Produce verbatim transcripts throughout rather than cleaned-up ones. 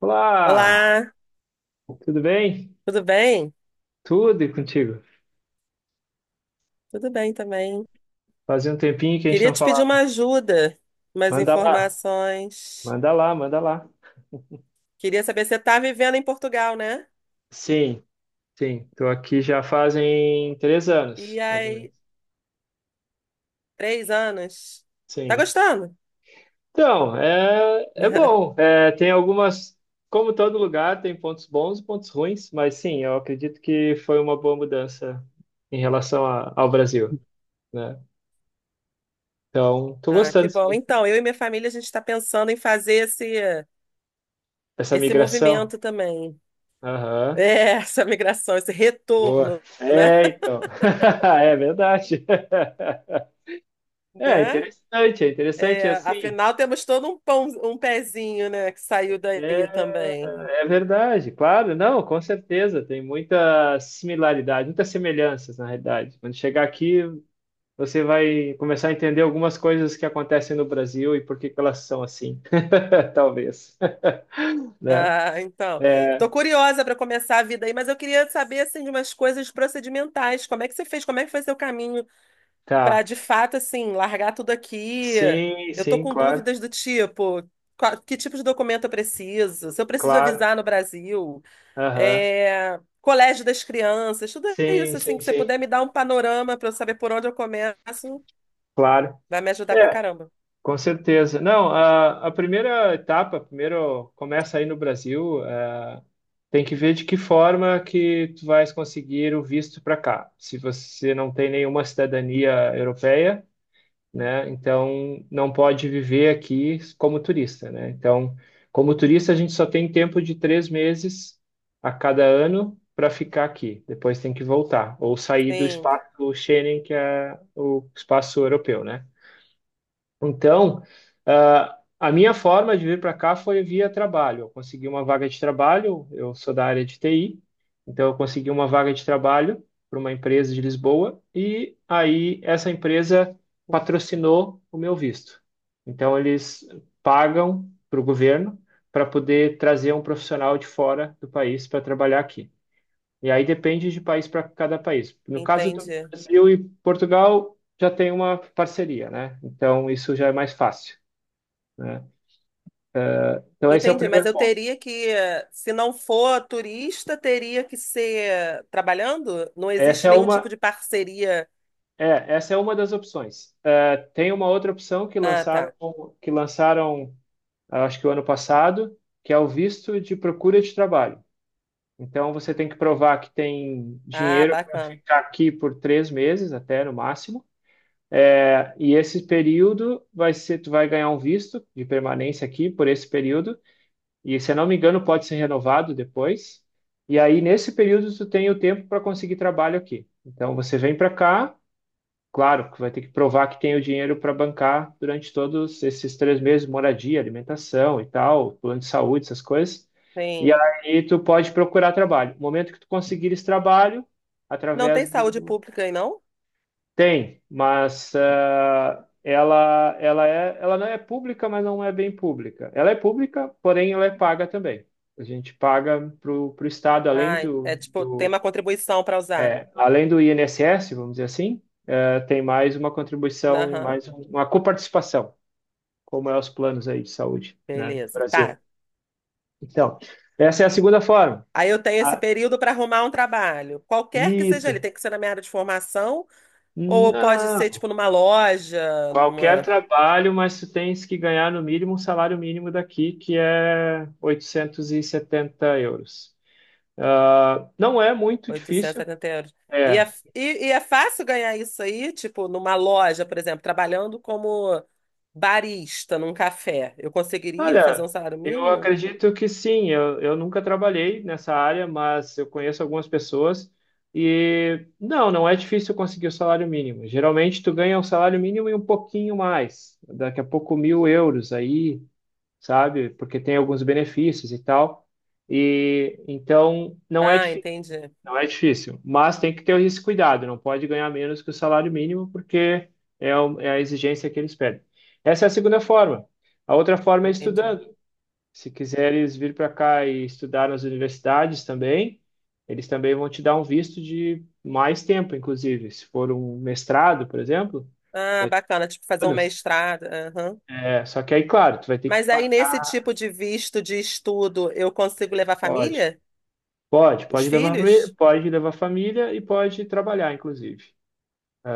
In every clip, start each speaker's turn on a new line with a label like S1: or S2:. S1: Olá,
S2: Olá,
S1: tudo bem?
S2: tudo bem?
S1: Tudo e contigo?
S2: Tudo bem também.
S1: Fazia um tempinho que a gente
S2: Queria
S1: não
S2: te pedir uma
S1: falava.
S2: ajuda, umas
S1: Manda lá,
S2: informações.
S1: manda lá, manda lá.
S2: Queria saber se você tá vivendo em Portugal, né?
S1: Sim, sim, tô aqui já fazem três
S2: E
S1: anos, mais ou menos.
S2: aí, três anos. Tá
S1: Sim.
S2: gostando?
S1: Então, é, é bom. É, tem algumas, como todo lugar, tem pontos bons e pontos ruins, mas sim, eu acredito que foi uma boa mudança em relação a- ao Brasil, né? Então, tô
S2: Ah, que
S1: gostando,
S2: bom.
S1: sim,
S2: Então, eu e minha família, a gente está pensando em fazer esse,
S1: dessa
S2: esse
S1: migração.
S2: movimento também.
S1: Aham.
S2: É, essa migração, esse
S1: Boa.
S2: retorno, né?
S1: É, então. É verdade. É
S2: Né?
S1: interessante, é interessante
S2: É,
S1: assim.
S2: afinal, temos todo um pão, um pezinho, né, que saiu daí
S1: É,
S2: também.
S1: é verdade, claro, não, com certeza. Tem muita similaridade, muitas semelhanças, na realidade. Quando chegar aqui, você vai começar a entender algumas coisas que acontecem no Brasil e por que que elas são assim, talvez, né?
S2: Ah, então. Tô
S1: É,
S2: curiosa para começar a vida aí, mas eu queria saber assim de umas coisas procedimentais. Como é que você fez? Como é que foi seu caminho para
S1: tá.
S2: de fato, assim, largar tudo aqui.
S1: Sim,
S2: Eu tô
S1: sim,
S2: com
S1: claro,
S2: dúvidas do tipo, qual- que tipo de documento eu preciso? Se eu preciso
S1: claro.
S2: avisar no Brasil,
S1: Aham.
S2: é, colégio das crianças, tudo isso,
S1: Sim,
S2: assim,
S1: sim,
S2: que você
S1: sim,
S2: puder me dar um panorama para eu saber por onde eu começo,
S1: claro.
S2: vai me ajudar pra
S1: É,
S2: caramba.
S1: com certeza. Não, a, a primeira etapa, primeiro começa aí no Brasil, eh, tem que ver de que forma que tu vais conseguir o visto para cá. Se você não tem nenhuma cidadania europeia, né, então não pode viver aqui como turista, né? Então, como turista, a gente só tem tempo de três meses a cada ano para ficar aqui. Depois tem que voltar ou sair do
S2: Sim,
S1: espaço Schengen, que é o espaço europeu, né? Então, ah, a minha forma de vir para cá foi via trabalho. Eu consegui uma vaga de trabalho, eu sou da área de T I, então eu consegui uma vaga de trabalho para uma empresa de Lisboa e aí essa empresa patrocinou o meu visto. Então, eles pagam para o governo para poder trazer um profissional de fora do país para trabalhar aqui. E aí depende de país para cada país. No caso do
S2: entendi.
S1: Brasil e Portugal, já tem uma parceria, né? Então isso já é mais fácil, né? Então esse é o
S2: Entendi, mas
S1: primeiro
S2: eu
S1: ponto.
S2: teria que, se não for turista, teria que ser trabalhando? Não
S1: Essa
S2: existe
S1: é
S2: nenhum
S1: uma,
S2: tipo de parceria.
S1: é, essa é uma das opções. É, tem uma outra opção que
S2: Ah,
S1: lançaram,
S2: tá.
S1: que lançaram, acho que o ano passado, que é o visto de procura de trabalho. Então você tem que provar que tem
S2: Ah,
S1: dinheiro para
S2: bacana.
S1: ficar aqui por três meses, até no máximo. É, e esse período vai ser, tu vai ganhar um visto de permanência aqui por esse período, e se eu não me engano, pode ser renovado depois. E aí, nesse período, tu tem o tempo para conseguir trabalho aqui. Então, você vem para cá, claro, que vai ter que provar que tem o dinheiro para bancar durante todos esses três meses, moradia, alimentação e tal, plano de saúde, essas coisas. E
S2: Sim.
S1: aí, tu pode procurar trabalho. No momento que tu conseguir esse trabalho,
S2: Não tem
S1: através
S2: saúde
S1: do
S2: pública aí, não?
S1: tem, mas eh, ela, ela, é, ela não é pública, mas não é bem pública. Ela é pública, porém ela é paga também. A gente paga para o Estado, além
S2: Ai, é
S1: do,
S2: tipo, tem
S1: do,
S2: uma contribuição para usar.
S1: além do I N S S, vamos dizer assim, eh, tem mais uma contribuição,
S2: Aham,
S1: mais um- uma coparticipação, como é os planos aí de saúde, né, do
S2: beleza.
S1: Brasil.
S2: Tá.
S1: Então, essa é a segunda forma.
S2: Aí eu tenho esse
S1: Ah,
S2: período para arrumar um trabalho. Qualquer que seja
S1: isso.
S2: ele, tem que ser na minha área de formação, ou pode ser,
S1: Não.
S2: tipo, numa loja,
S1: Qualquer
S2: numa
S1: trabalho, mas tu tens que ganhar no mínimo um salário mínimo daqui, que é oitocentos e setenta euros. Ah, não é muito
S2: 870
S1: difícil.
S2: euros. E
S1: É.
S2: é, e, e é fácil ganhar isso aí, tipo, numa loja, por exemplo, trabalhando como barista num café. Eu conseguiria fazer
S1: Olha,
S2: um salário
S1: eu
S2: mínimo?
S1: acredito que sim. Eu, eu nunca trabalhei nessa área, mas eu conheço algumas pessoas e não, não é difícil conseguir o salário mínimo. Geralmente tu ganha o salário mínimo e um pouquinho mais, daqui a pouco mil euros aí, sabe? Porque tem alguns benefícios e tal. E então não é
S2: Ah,
S1: difícil,
S2: entendi.
S1: não é difícil, mas tem que ter esse cuidado, não pode ganhar menos que o salário mínimo porque é, o- é a exigência que eles pedem. Essa é a segunda forma. A outra forma é
S2: Entendi.
S1: estudando. Se quiseres vir para cá e estudar nas universidades também, eles também vão te dar um visto de mais tempo, inclusive. Se for um mestrado, por exemplo,
S2: Ah,
S1: vai ter
S2: bacana, tipo, fazer um
S1: todas.
S2: mestrado.
S1: É, só que aí, claro, tu vai ter que.
S2: Mas aí, nesse tipo de visto de estudo, eu consigo levar a
S1: Pode.
S2: família?
S1: Pode,
S2: Os
S1: pode levar, me-
S2: filhos?
S1: pode levar família e pode trabalhar, inclusive.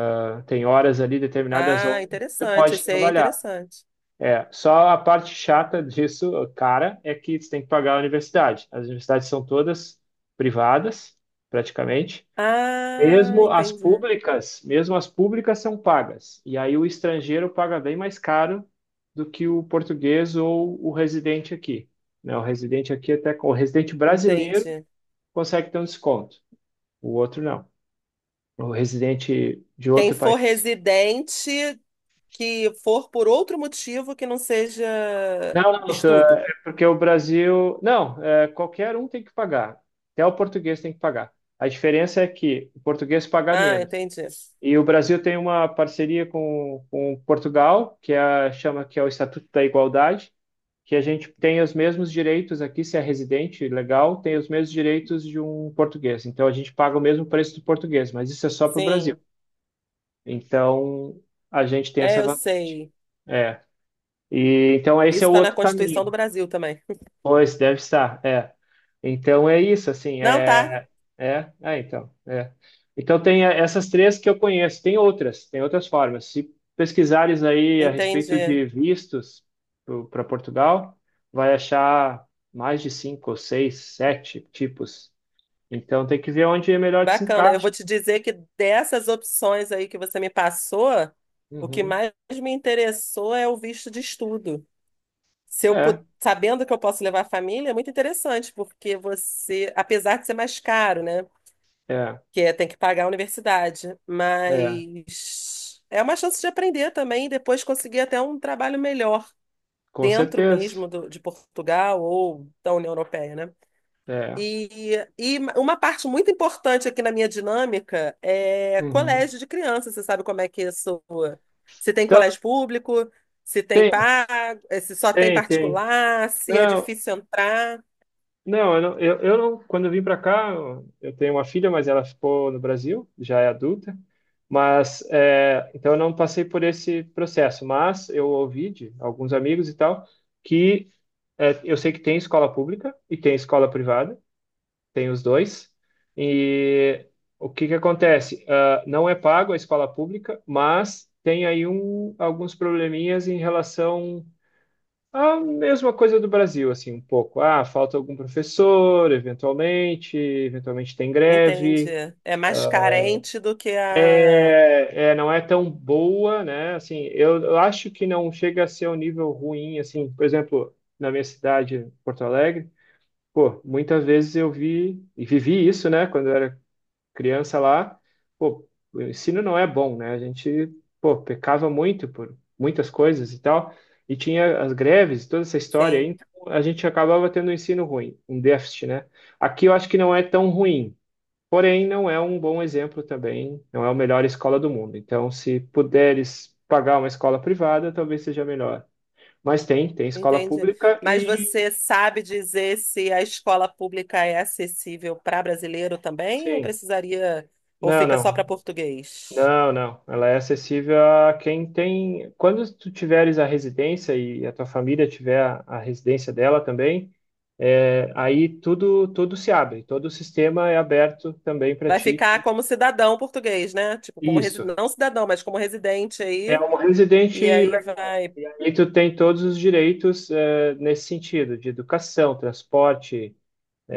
S1: Ah, tem horas ali, determinadas
S2: Ah,
S1: horas, você
S2: interessante.
S1: pode
S2: Esse aí é
S1: trabalhar.
S2: interessante.
S1: É, só a parte chata disso, cara, é que você tem que pagar a universidade. As universidades são todas privadas, praticamente.
S2: Ah,
S1: Mesmo as
S2: entendi.
S1: públicas, mesmo as públicas são pagas. E aí o estrangeiro paga bem mais caro do que o português ou o residente aqui. Né? O residente aqui até o residente brasileiro
S2: Entendi.
S1: consegue ter um desconto, o outro não. O residente de
S2: Quem
S1: outro
S2: for
S1: país.
S2: residente que for por outro motivo que não seja
S1: Não, não, tu- é
S2: estudo.
S1: é porque o Brasil. Não, é, qualquer um tem que pagar. Até o português tem que pagar. A diferença é que o português paga
S2: Ah,
S1: menos.
S2: entendi.
S1: E o Brasil tem uma parceria com, com Portugal, que é, a- chama que é o Estatuto da Igualdade, que a gente tem os mesmos direitos aqui, se é residente legal, tem os mesmos direitos de um português. Então a gente paga o mesmo preço do português, mas isso é só para o Brasil.
S2: Sim.
S1: Então a gente tem
S2: É,
S1: essa
S2: eu
S1: vantagem.
S2: sei.
S1: É. E então esse
S2: Isso
S1: é o
S2: está na
S1: outro
S2: Constituição
S1: caminho.
S2: do Brasil também.
S1: Pois deve estar, é. Então é isso, assim,
S2: Não, tá.
S1: é, é, é, então, é. Então tem eh, essas três que eu conheço. Tem outras, tem outras formas. Se pesquisares aí a respeito
S2: Entendi.
S1: de vistos para Portugal, vai achar mais de cinco ou seis, sete tipos. Então tem que ver onde é melhor te se
S2: Bacana. Eu
S1: encaixa.
S2: vou te dizer que dessas opções aí que você me passou, o que
S1: Uhum.
S2: mais me interessou é o visto de estudo. Se eu pu-
S1: É,
S2: Sabendo que eu posso levar a família, é muito interessante, porque você, apesar de ser mais caro, né?
S1: é,
S2: Que é, tem que pagar a universidade,
S1: é,
S2: mas é uma chance de aprender também e depois conseguir até um trabalho melhor
S1: com
S2: dentro
S1: certeza.
S2: mesmo do- de Portugal ou da União Europeia, né?
S1: É.
S2: E, e uma parte muito importante aqui na minha dinâmica é
S1: Uhum.
S2: colégio de criança. Você sabe como é que isso? Se tem
S1: Então,
S2: colégio público, se tem
S1: tem,
S2: pago, eh, se só tem
S1: tem, tem.
S2: particular, se é
S1: Não,
S2: difícil entrar,
S1: não, eu não, eu, eu não, quando eu vim para cá, eu eu tenho uma filha, mas ela ficou no Brasil, já é adulta. Mas, é, então eu não passei por esse processo, mas eu ouvi de alguns amigos e tal que é, eu sei que tem escola pública e tem escola privada, tem os dois. E o que que acontece? Ah, não é pago a escola pública, mas tem aí um, alguns probleminhas em relação a mesma coisa do Brasil, assim, um pouco. Ah, falta algum professor, eventualmente, eventualmente tem
S2: entende?
S1: greve.
S2: É mais carente do que a.
S1: É, é, não é tão boa, né? Assim, eu, eu acho que não chega a ser um nível ruim, assim. Por exemplo, na minha cidade, Porto Alegre, pô, muitas vezes eu vi e vivi isso, né? Quando eu era criança lá, pô, o ensino não é bom, né? A gente, pô, pecava muito por muitas coisas e tal, e tinha as greves, toda essa história aí,
S2: Sim,
S1: então a gente acabava tendo um ensino ruim, um déficit, né? Aqui eu acho que não é tão ruim, porém não é um bom exemplo também, não é a melhor escola do mundo. Então, se puderes pagar uma escola privada, talvez seja melhor. Mas tem, tem escola
S2: entende?
S1: pública
S2: Mas
S1: e
S2: você sabe dizer se a escola pública é acessível para brasileiro também, ou
S1: sim.
S2: precisaria, ou
S1: Não,
S2: fica só
S1: não.
S2: para português?
S1: Não, não. Ela é acessível a quem tem. Quando tu tiveres a residência e a tua família tiver a, a residência dela também, é, aí tudo tudo se abre, todo o sistema é aberto também para
S2: Vai
S1: ti.
S2: ficar como cidadão português, né? Tipo, como resi...
S1: Isso.
S2: não cidadão, mas como residente
S1: É
S2: aí.
S1: um residente
S2: E aí
S1: legal.
S2: vai,
S1: E aí tu tem todos os direitos, é, nesse sentido, de educação, transporte,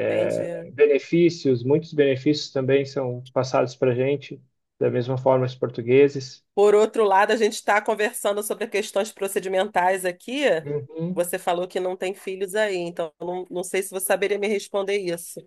S2: entende?
S1: benefícios. Muitos benefícios também são passados para gente, da mesma forma os portugueses.
S2: Por outro lado, a gente está conversando sobre questões procedimentais aqui.
S1: Uhum.
S2: Você falou que não tem filhos aí, então eu não, não sei se você saberia me responder isso.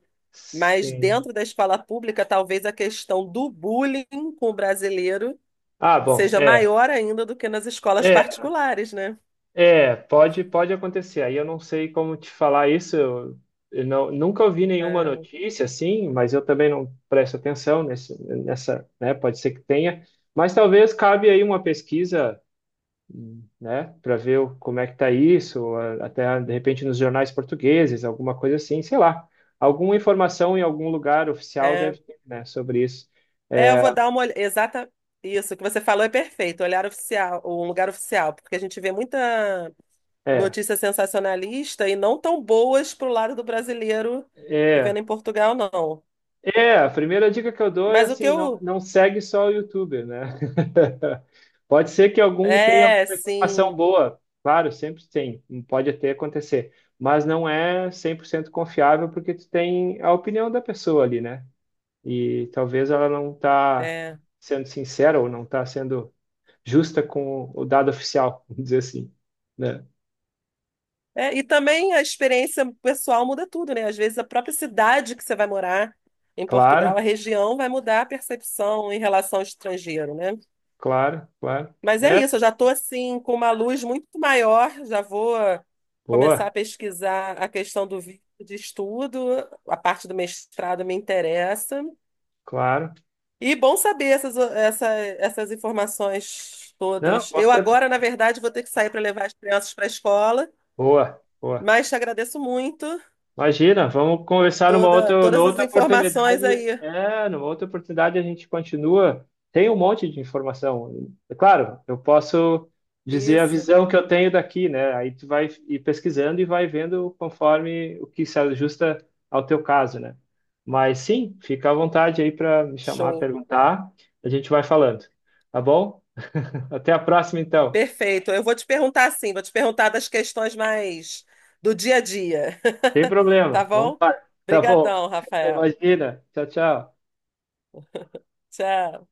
S2: Mas
S1: Sim.
S2: dentro da escola pública, talvez a questão do bullying com o brasileiro
S1: Ah, bom,
S2: seja
S1: é.
S2: maior ainda do que nas escolas
S1: É,
S2: particulares, né?
S1: é, pode, pode acontecer. Aí eu não sei como te falar isso. Eu, eu não, nunca ouvi nenhuma
S2: É,
S1: notícia assim, mas eu também não presto atenção nesse, nessa, né? Pode ser que tenha, mas talvez cabe aí uma pesquisa, né, para ver o- como é que tá isso, ou a- até de repente nos jornais portugueses, alguma coisa assim, sei lá. Alguma informação em algum lugar oficial
S2: é
S1: deve ter, né, sobre isso.
S2: É, eu
S1: É,
S2: vou dar uma olhada. Exata. Isso, que você falou é perfeito. Olhar oficial, um lugar oficial, porque a gente vê muita
S1: é.
S2: notícia sensacionalista e não tão boas pro lado do brasileiro
S1: é.
S2: vivendo em Portugal, não.
S1: É, a primeira dica que eu dou é
S2: Mas o que
S1: assim, não,
S2: eu.
S1: não segue só o youtuber, né? Pode ser que algum tenha
S2: É,
S1: alguma informação
S2: sim.
S1: boa, claro, sempre tem, pode até acontecer, mas não é cem por cento confiável porque tu tem a opinião da pessoa ali, né? E talvez ela não está
S2: É.
S1: sendo sincera ou não está sendo justa com o dado oficial, vamos dizer assim, né?
S2: É, e também a experiência pessoal muda tudo, né? Às vezes a própria cidade que você vai morar em
S1: Claro,
S2: Portugal, a região, vai mudar a percepção em relação ao estrangeiro, né?
S1: claro, claro.
S2: Mas é
S1: É,
S2: isso, eu já estou assim com uma luz muito maior, já vou começar a
S1: boa,
S2: pesquisar a questão do vídeo de estudo, a parte do mestrado me interessa.
S1: claro.
S2: E bom saber essas, essa- essas informações
S1: Não,
S2: todas.
S1: com
S2: Eu
S1: certeza.
S2: agora, na verdade, vou ter que sair para levar as crianças para a escola,
S1: Boa, boa.
S2: mas te agradeço muito
S1: Imagina, vamos conversar numa
S2: toda,
S1: outra, numa
S2: todas as
S1: outra
S2: informações
S1: oportunidade.
S2: aí.
S1: É, numa outra oportunidade a gente continua. Tem um monte de informação. É claro, eu posso dizer a
S2: Isso,
S1: visão que eu tenho daqui, né? Aí tu vai ir pesquisando e vai vendo conforme o que se ajusta ao teu caso, né? Mas sim, fica à vontade aí para me chamar,
S2: show.
S1: perguntar. A gente vai falando, tá bom? Até a próxima, então.
S2: Perfeito. Eu vou te perguntar assim, vou te perguntar das questões mais do dia a dia.
S1: Sem
S2: Tá
S1: problema. Vamos
S2: bom?
S1: lá. Tá bom.
S2: Obrigadão, Rafael.
S1: Imagina. Tchau, tchau.
S2: Tchau.